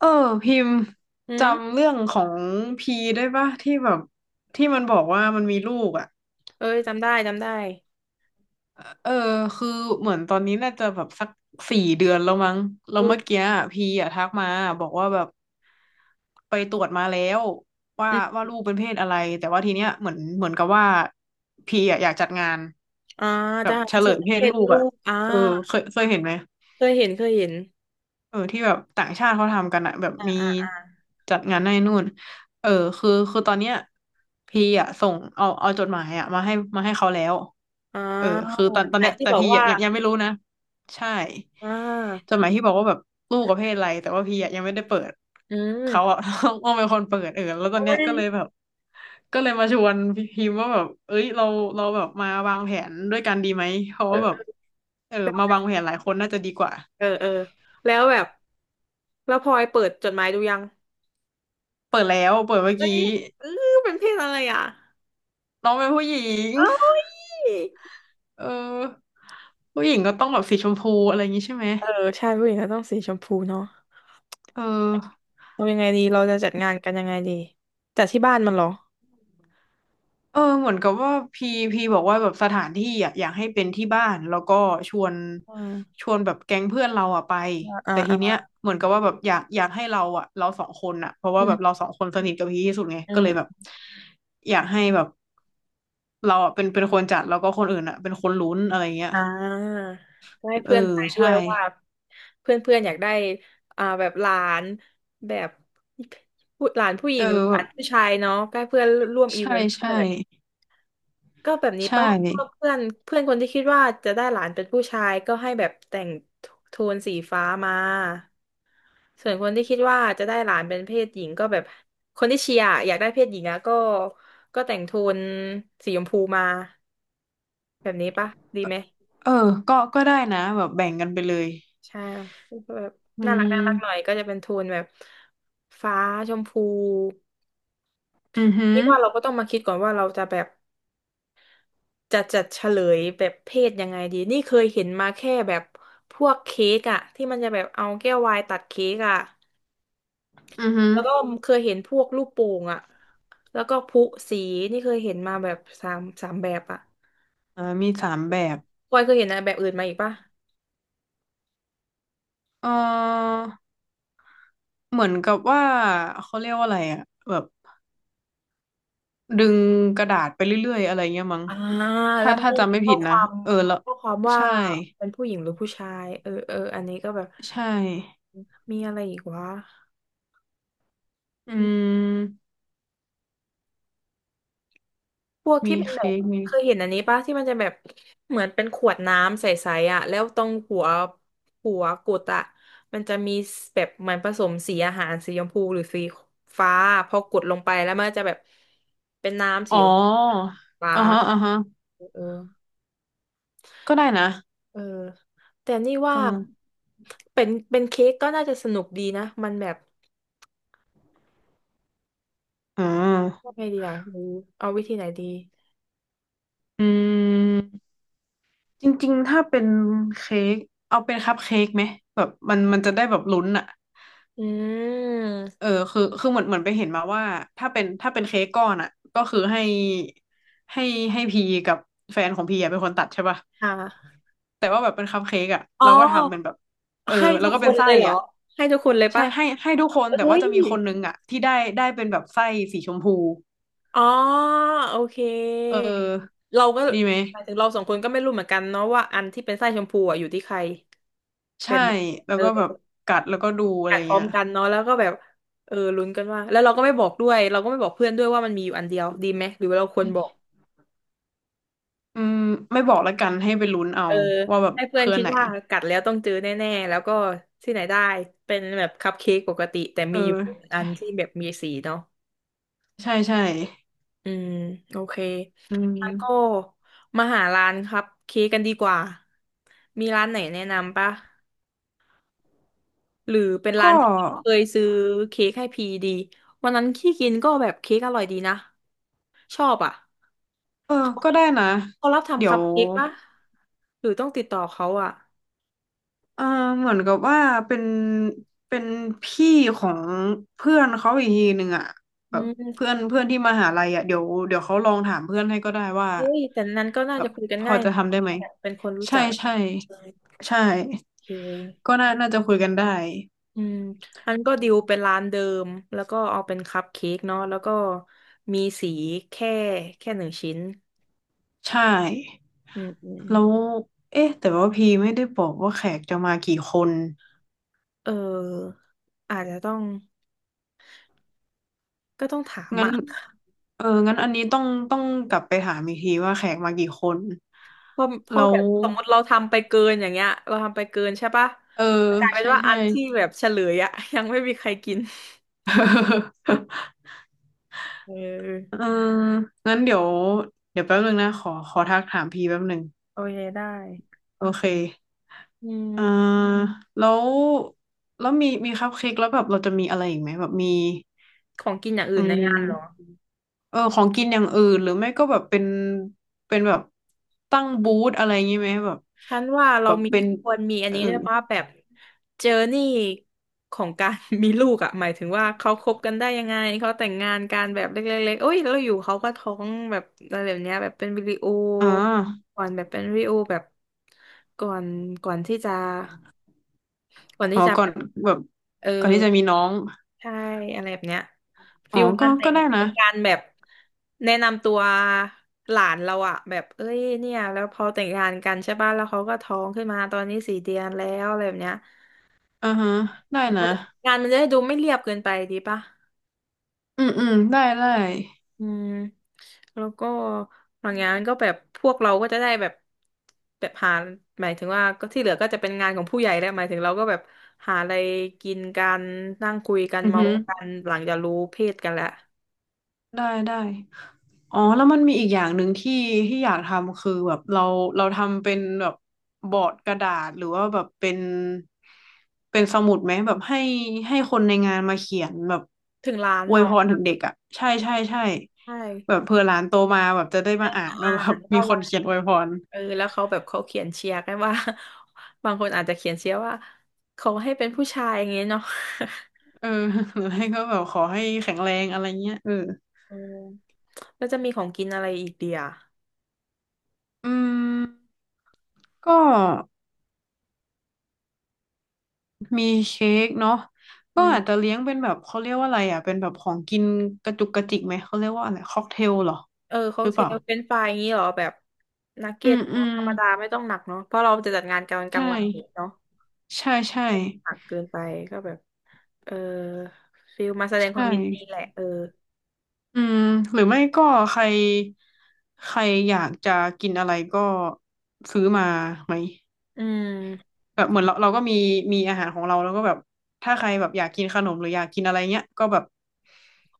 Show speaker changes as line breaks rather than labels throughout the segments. เออพิมพ์
อืม
จำเรื่องของพีได้ปะที่แบบที่มันบอกว่ามันมีลูกอ่ะ
เอ้ยจำได้จำได้
เออคือเหมือนตอนนี้น่าจะแบบสัก4 เดือนแล้วมั้งแล้
เอ
ว
อ
เมื่อกี้อะพีอ่ะทักมาบอกว่าแบบไปตรวจมาแล้วว่า
อืม
ว่าลูกเป็นเพศอะไรแต่ว่าทีเนี้ยเหมือนเหมือนกับว่าพีอ่ะอยากจัดงาน
อ่า
แบ
จะ
บเฉ
หาร
ล
เช็ด
ยเพศ
เช็ด
ลูก
ลู
อ่ะ
ก
เออเคยเคยเห็นไหม
เคยเห็นเคยเห็น
เออที่แบบต่างชาติเขาทำกันอะแบบ
อ่า
มี
อ่าอ่า
จัดงานให้นู่นเออคือตอนเนี้ยพี่อะส่งเอาเอาจดหมายอะมาให้มาให้เขาแล้ว
อ่า
เออคือตอน
จ
ตอ
ห
น
มาย
เนี้ย
ที่
แต่
บอก
พี่อะ
ว่า
ยังไม่รู้นะใช่
อ่
จ
า
ดหมายที่บอกว่าแบบลูกประเภทอะไรแต่ว่าพี่อะยังไม่ได้เปิด
อืม
เขาอะ ต้องเป็นคนเปิดเออแล้วตอ
โอ้
นเนี้ย
ย
ก็เลยแบบก็เลยมาชวนพี่พิมพ์ว่าแบบเอ้ยเราแบบมาวางแผนด้วยกันดีไหมเพราะว่าแบบ
เออ
เออมาวางแผนหลายคนน่าจะดีกว่า
เออเออแล้วแบบ แล้วพลอยเปิดจดหมายดูยัง
เปิดแล้วเปิดเมื่อ
เอ้ย
กี้
เออเป็นเพศอะไรอ่ะ
น้องเป็นผู้หญิง
เอ้ย
เออผู้หญิงก็ต้องแบบสีชมพูอะไรอย่างงี้ใช่ไหม
เออใช่ผู้หญิงก็ต้องสีชมพูเนาะ
เออ
เรายังไงดีเราจะจัดงานกันยังไงดีจัดที่บ้านมันเหรอ
เออเหมือนกับว่าพีพีบอกว่าแบบสถานที่อะอยากให้เป็นที่บ้านแล้วก็ชวน
อ่า
ชวนแบบแก๊งเพื่อนเราอะไป
อ่า
แต่ทีเนี้ย
อ่า
เหมือนกับว่าแบบอยากให้เราอะเราสองคนอะเพราะ
อื
ว่าแบบเรา
ม
สองคนสนิทกับพีที่สุดไง
อื
ก็เลยแบบ
ม
อยากให้แบบเราอะเป็นคนจัดแล้วก็คนอื่นอะเป็นคนลุ้นอะไรเงี้ย
อ่าก็ให้
เออ
เพื่อนทายด้ว
ใช่
ยว่าเพื่อนเพื่อนอยากได้แบบหลานแบบผู้หลานผู้หญิ
เออ
งหรือห
แบ
ลา
บ
นผู้ชายเนาะก็ให้เพื่อนร่วมอีเว
ใช่
นต์ไป
ใช่
แบบก็แบบนี้
ใช่
ป้าก็เพื่อนเพื่อนคนที่คิดว่าจะได้หลานเป็นผู้ชายก็ให้แบบแต่งโทนสีฟ้ามาส่วนคนที่คิดว่าจะได้หลานเป็นเพศหญิงก็แบบคนที่เชียร์อยากได้เพศหญิงอะก็แต่งโทนสีชมพูมาแบบนี้ปะดีไหม
เออก็ก็ได้นะแบบแบ่งกันไปเลย
ใช่แบบ
อื
น่ารักน่ารักหน่อย
ม
ก็จะเป็นโทนแบบฟ้าชมพู
อือหือ
นี่ว่าเราก็ต้องมาคิดก่อนว่าเราจะแบบจะจัดเฉลยแบบเพศยังไงดีนี่เคยเห็นมาแค่แบบพวกเค้กอะที่มันจะแบบเอาแก้ววายตัดเค้กอะ
อือหือ
แล้วก็เคยเห็นพวกลูกโป่งอะแล้วก็พลุสีนี่เคยเห็นมาแบบสามแบบอะ
อ่ามี3 แบบ
พลอยเคยเห็นอะแบบอื่นมาอีกปะ
เออเหมือนกับว่าเขาเรียกว่าอะไรอะแบบดึงกระดาษไปเรื่อยๆอะไรเงี้ยมั้ง
อ่าแล้
ถ้า
วมัน
ถ้า
ก็
จำ
มี
ไม่
ข้อ
ผิด
ค
นะ
วาม
เออแล้ว
ว่า
ใช่
เป็นผู้หญิงหรือผู้ชายเออเอออันนี้ก็แบบ
ใช่
มีอะไรอีกวะ
อืม
พวกที่
มี
เป็นแบ
เค้
บ
กมี
เคยเห็นอันนี้ปะที่มันจะแบบเหมือนเป็นขวดน้ำใสๆอ่ะแล้วตรงหัวกุดอ่ะมันจะมีแบบเหมือนผสมสีอาหารสีชมพูหรือสีฟ้าพอกดลงไปแล้วมันจะแบบเป็นน้ำสี
อ๋อ
ชมพูฟ้า
อ่าฮะอ่าฮะ
เออ
ก็ได้นะ
เออแต่นี่ว่า
ก็
เป็นเค้กก็น่าจะสนุกดีนะมันแบบ
อืม
ยังไงดีอ่ะหรือเอาวิธีไหนดี
อืม จริงๆถ้าเป็นเค้กเอาเป็นคัพเค้กไหมแบบมันมันจะได้แบบลุ้นอ่ะ
อื
เอ
ม
อคือคือเหมือนเหมือนไปเห็นมาว่าถ้าเป็นเค้กก้อนอ่ะก็คือให้ให้พีกับแฟนของพีอะเป็นคนตัดใช่ป่ะ
อ่า
แต่ว่าแบบเป็นคัพเค้กอ่ะ
อ๋อ
เราก็ทำเป็นแบบเออ
ให้
แล้
ทุ
ว
ก
ก็
ค
เป็น
น
ไส้
เลยเหรอ
อ่ะ
ให้ทุกคนเลย
ใช่
ปะ
ให้ทุกคน
เอ้
แต่ว่า
ย
จะมีคนนึงอ่ะที่ได้ได้เป็นแบบไส้สีชมพู
อ๋อโอเค
เออ
เราก็
ดีไหม
หมายถึงเราสองคนก็ไม่รู้เหมือนกันเนาะว่าอันที่เป็นไส้ชมพูอ่ะอยู่ที่ใครแบ
ใช่
บ
แล้ว
เออ
ก็แบบกัดแล้วก็ดูอะไร
อัดพร้อ
เงี้
ม
ย
กันเนาะแล้วก็แบบเออลุ้นกันว่าแล้วเราก็ไม่บอกด้วยเราก็ไม่บอกเพื่อนด้วยว่ามันมีอยู่อันเดียวดีไหมหรือว่าเราควรบอก
อืมไม่บอกละกันให้ไปลุ้นเอา
เออ
ว่าแบบ
ให้เพื่อน
คือ
คิ
อัน
ด
ไหน
ว่ากัดแล้วต้องเจอแน่ๆแล้วก็ที่ไหนได้เป็นแบบคัพเค้กปกติแต่
เอ
มีอยู่
อ
อั
ใช่
นที่แบบมีสีเนาะ
ใช่ใช่
อืมโอเค
อื
งั้นก็
ม
มาหาร้านคัพเค้กกันดีกว่ามีร้านไหนแนะนำปะหรือเป็นร้า
ก็
นที่เคยซื้อเค้กให้พีดีวันนั้นที่กินก็แบบเค้กอร่อยดีนะชอบอ่ะ
เออ
เขา
ก็ได้นะ
เขารับ
เดี๋
ทำ
ย
คั
ว
พเค้กปะหรือต้องติดต่อเขาอ่ะ
เออเหมือนกับว่าเป็นเป็นพี่ของเพื่อนเขาอีกทีหนึ่งอ่ะแบ
อื
บเพื่
ม
อนเพื่อนที่มหาลัยอ่ะเดี๋ยวเดี๋ยวเขาลองถามเพื่อนให้ก็ได้ว่า
เฮ้ย แต่นั้นก็น่า
แบ
จะ
บ
คุยกัน
พอ
ง่าย
จะ
นะ
ทำได้ไหม
เป็นคนรู้
ใช่
จัก
ใช่
โอ
ใช่
เค
ก็น่าน่าจะคุยกันได้
อืมอันก็ดิวเป็นร้านเดิมแล้วก็เอาเป็นคัพเค้กเนาะแล้วก็มีสีแค่แค่หนึ่งชิ้น
ใช่
อืมอืมอืม
แล้วเอ๊ะแต่ว่าพีไม่ได้บอกว่าแขกจะมากี่คน
เอออาจจะต้องก็ต้องถาม
งั้น
อ่ะ
เอองั้นอันนี้ต้องกลับไปถามอีกทีว่าแขกมากี่คน
เพราะ
แล้
แบ
ว
บสมมติเราทำไปเกินอย่างเงี้ยเราทำไปเกินใช่ปะ
เออ
กลายเป็น
ใช่
ว่าอั
ใช่
นที่แบบเฉลยอ่ะยังไม่มีใครกิน เ
เออ
ออ
งั้นเดี๋ยว เดี๋ยวแป๊บนึงนะขอขอทักถามพีแป๊บนึง
โอเคได้
โอเค
อื
เออ
ม
แล้วแล้วมีคัพเค้กแล้วแบบเราจะมีอะไรอีกไหมแบบมี
ของกินอย่าง
อื
อื่นใน
ม
งานเหรอ
เออของกินอย่างอื่นหรือไม่ก็แบบเป็นเป็นแบบตั้งบูธอะไรอย่างงี้ไหมแบบ
ฉันว่าเรา
แบบ
มี
เป็น
ควรมีอัน
เออ
นี้ด้วยป่ะแบบเจอร์นี่ของการ มีลูกอ่ะหมายถึงว่าเขาคบกันได้ยังไงเขาแต่งงานกันแบบเล็กๆๆโอ้ยแล้วอยู่เขาก็ท้องแบบอะไรแบบเนี้ยแบบเป็นวิดีโอ
อ่า
ก่อนแบบเป็นวิดีโอแบบก่อนก่อนที่จะก่อน
อ๋
ที่
อ
จะ
ก่อ
แบ
น
บ
แบบ
เออ
ก่อนที่จะมีน้อง
ใช่อะไรแบบเนี้ย
อ๋
ฟิ
อ
ลงา
ก็
นแต่
ก็
ง
ได้นะ
เป็นการแบบแนะนำตัวหลานเราอะแบบเอ้ยเนี่ยแล้วพอแต่งงานกันใช่ป่ะแล้วเขาก็ท้องขึ้นมาตอนนี้4 เดือนแล้วอะไรแบบเนี้ย
อ่าฮะได้
มั
นะ
นจะงานมันจะได้ดูไม่เรียบเกินไปดีป่ะ
อืมอืมได้ได้
อืมแล้วก็บางงานก็แบบพวกเราก็จะได้แบบแบบหาหมายถึงว่าก็ที่เหลือก็จะเป็นงานของผู้ใหญ่แล้วหมายถึงเราก็แบบหาอะไรกินกันนั่งคุยกัน
อือ
เมา
ฮึ
ส์กันหลังจากรู้เพศกันแล้ว
ได้ได้ อ๋อแล้วมันมีอีกอย่างหนึ่งที่ที่อยากทำคือแบบเราเราทำเป็นแบบบอร์ดกระดาษหรือว่าแบบเป็นสมุดไหมแบบให้คนในงานมาเขียนแบบ
ถึงร้าน
อวย
เนาะ
พรถึงเด็กอ่ะใช่ใช่ใช่
ใช่
แบบเผื่อหลานโตมาแบบจะได้มาอ่าน
อ่า
ว่าแบบ
น
มี
ว่า
ค
วั
น
น
เขียน
นี้
อวยพร
เออแล้วเขาแบบเขาเขียนเชียร์กันว่า บางคนอาจจะเขียนเชียร์ว่าขอให้เป็นผู้ชายอย่างเงี้ยเนาะ
เออ หรือให้ก็แบบขอให้แข็งแรงอะไรเงี้ยเออ
เออ แล้วจะมีของกินอะไรอีกเดีย
อืมก็ มีเค้กเนาะก็
อื
อาจจะ
ม
เลี้ยงเป็นแบบเขาเรียกว่าอะไรอ่ะเป็นแบบของกินกระจุกกระจิกไหมเขาเรียกว่าอะไรค็อกเทลเหรอ
เออค็อ
ห
ก
รือ
เท
เปล่า
ลเป็นไฟรายอย่างงี้เหรอแบบนัก
อื
เก็ต
ม
เน
อื
อะ
ม
ธรรมดาไม่ต้องหนักเนาะเพราะเราจะจัดงานกลางกลา
ใช่
งวันเองเนาะ
ใช่ใช่
หนักเกินไปก็แบบเออฟิลมาแสดงค
ใช่
วามยินดีแหละเออ
อืมหรือไม่ก็ใครใครอยากจะกินอะไรก็ซื้อมาไหม
อืม
แบบเหมือนเราเราก็มีมีอาหารของเราแล้วก็แบบถ้าใครแบบอยากกินขนมหรืออยากกินอะไรเงี้ยก็แบบ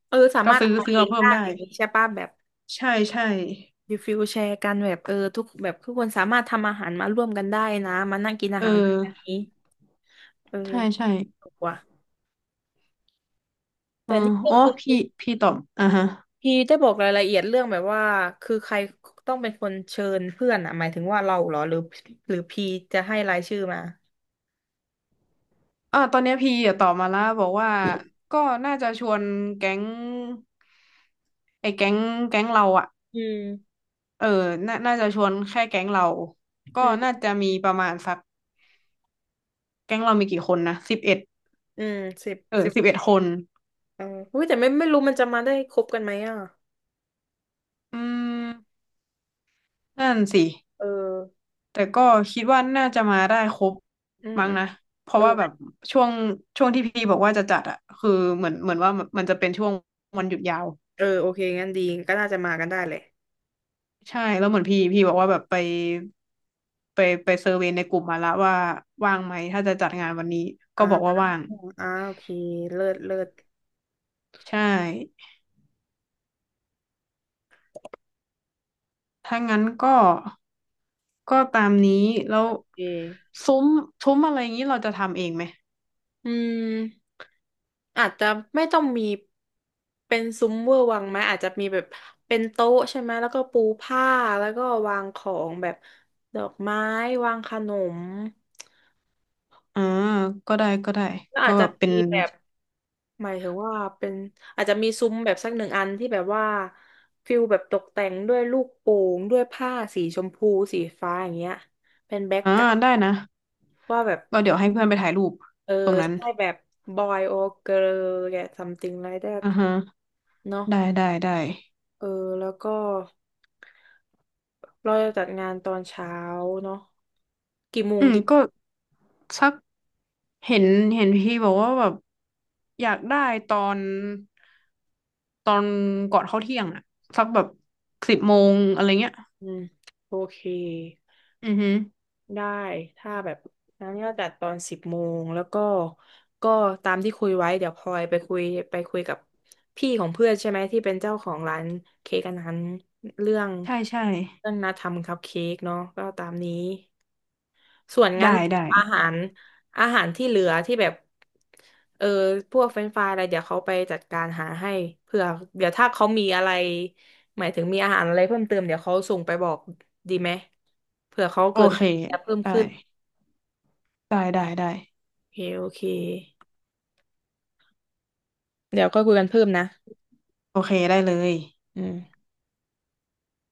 เออสา
ก็
มารถ
ซื้อ
เอามา
ซื้อ
เอ
มา
ง
เพิ่ม
ได้
ได้
อย่างนี้ใช่ป่ะแบบ
ใช่ใช่
ดีฟิลแชร์กันแบบเออทุกแบบทุกคนสามารถทำอาหารมาร่วมกันได้นะมานั่งกินอา
เอ
หารแบบ
อ
นี้เออ
ใช่ใช่
ถูกว่ะแต่
อ๋อ
นี่ก็
อ๋อ
คือ
พี่พี่ตอบอ่าฮะ
พี่ได้บอกรายละเอียดเรื่องแบบว่าคือใครต้องเป็นคนเชิญเพื่อนอ่ะหมายถึงว่าเราเหรอหรือหรือพีจะให้รายชื่อมา
อ่าตอนเนี้ยพี่อะตอบมาแล้วบอกว่าก็น่าจะชวนแก๊งไอ้แก๊งแก๊งเราอะ
อืม
เออน่าจะชวนแค่แก๊งเราก็
อื
น่า
ม
จะมีประมาณสักแก๊งเรามีกี่คนนะสิบเอ็ด
อืมสิบ
เออ
สิบ
11 คน
เอออุ้ยแต่ไม่รู้มันจะมาได้ครบกันไหมอ่ะ
อืมนั่นสิ
เออ
แต่ก็คิดว่าน่าจะมาได้ครบ
อืม
มั้
อื
ง
ม
นะเพ
เอ
ราะ
อ
ว่าแบบช่วงช่วงที่พี่บอกว่าจะจัดอะคือเหมือนเหมือนว่ามันจะเป็นช่วงวันหยุดยาว
เออโอเคงั้นดีก็น่าจะมากันได้เลย
ใช่แล้วเหมือนพี่พี่บอกว่าแบบไปไปไปเซอร์เวย์ในกลุ่มมาละว่าว่างไหมถ้าจะจัดงานวันนี้ก็
อ่า
บอกว่าว่าง
อ่าโอเคเลิศเลิศ
ใช่ถ้างั้นก็ก็ตามนี้แล้ว
โอเค
ซุ้มซุ้มอะไรอย่างนี้เราจะทำเองไหม
อืมอาจจะไม่ต้องมีเป็นซุ้มเวอร์วังไหมอาจจะมีแบบเป็นโต๊ะใช่ไหมแล้วก็ปูผ้าแล้วก็วางของแบบดอกไม้วางขนม
อ่าก็ได้ก็ได้
แล้ว
ก็
อาจ
แบ
จะ
บเป็
มี
น
แบบหมายถึงว่าเป็นอาจจะมีซุ้มแบบสักหนึ่งอันที่แบบว่าฟิลแบบตกแต่งด้วยลูกโป่งด้วยผ้าสีชมพูสีฟ้าอย่างเงี้ยเป็นแบ็ก
อ่า
กราว
ได้
ด์
นะ
ว่าแบบ
ก็เดี๋ยวให้เพื่อนไปถ่ายรูป
เออ
ตรงนั้น
ใช่แบบบอยโอเกิร์ลแก something like that
อ่าฮะ
เนาะ
ได้ได้ได้
เออแล้วก็เราจะจัดงานตอนเช้าเนาะกี่โมง
อืม
ดี
ก็สักเห็นเห็นพี่บอกว่าแบบอยากได้ตอน ตอนก่อนเข้าเที่ยงอะสักแบบ10 โมงอะไรเงี้ย
อืมโอเค
อือฮึ
ได้ถ้าแบบนั้นก็จัดตอนสิบโมงแล้วก็ก็ตามที่คุยไว้เดี๋ยวพลอยไปคุยกับพี่ของเพื่อนใช่ไหมที่เป็นเจ้าของร้านเค้กอันนั้นเรื่อง
ใช่ใช่
เรื่องนัดทำคัพเค้กเนาะก็ตามนี้ ส่วนงั้น
ได้ได้
อาหารอาหารที่เหลือที่แบบเออพวกเฟรนช์ฟรายอะไรเดี๋ยวเขาไปจัดการหาให้เผื่อเดี๋ยวถ้าเขามีอะไรหมายถึงมีอาหารอะไรเพิ่มเติมเดี๋ยวเขาส่งไปบอกดีไหมเผื่อเขา
โอ
เกิด
เค
จะเพิ่ม
ได้
ขึ้น
ได้ได้ได้
โอเคโอเคเดี๋ยวก็คุยกันเพิ่มนะ
โอเคได้เลย
อืม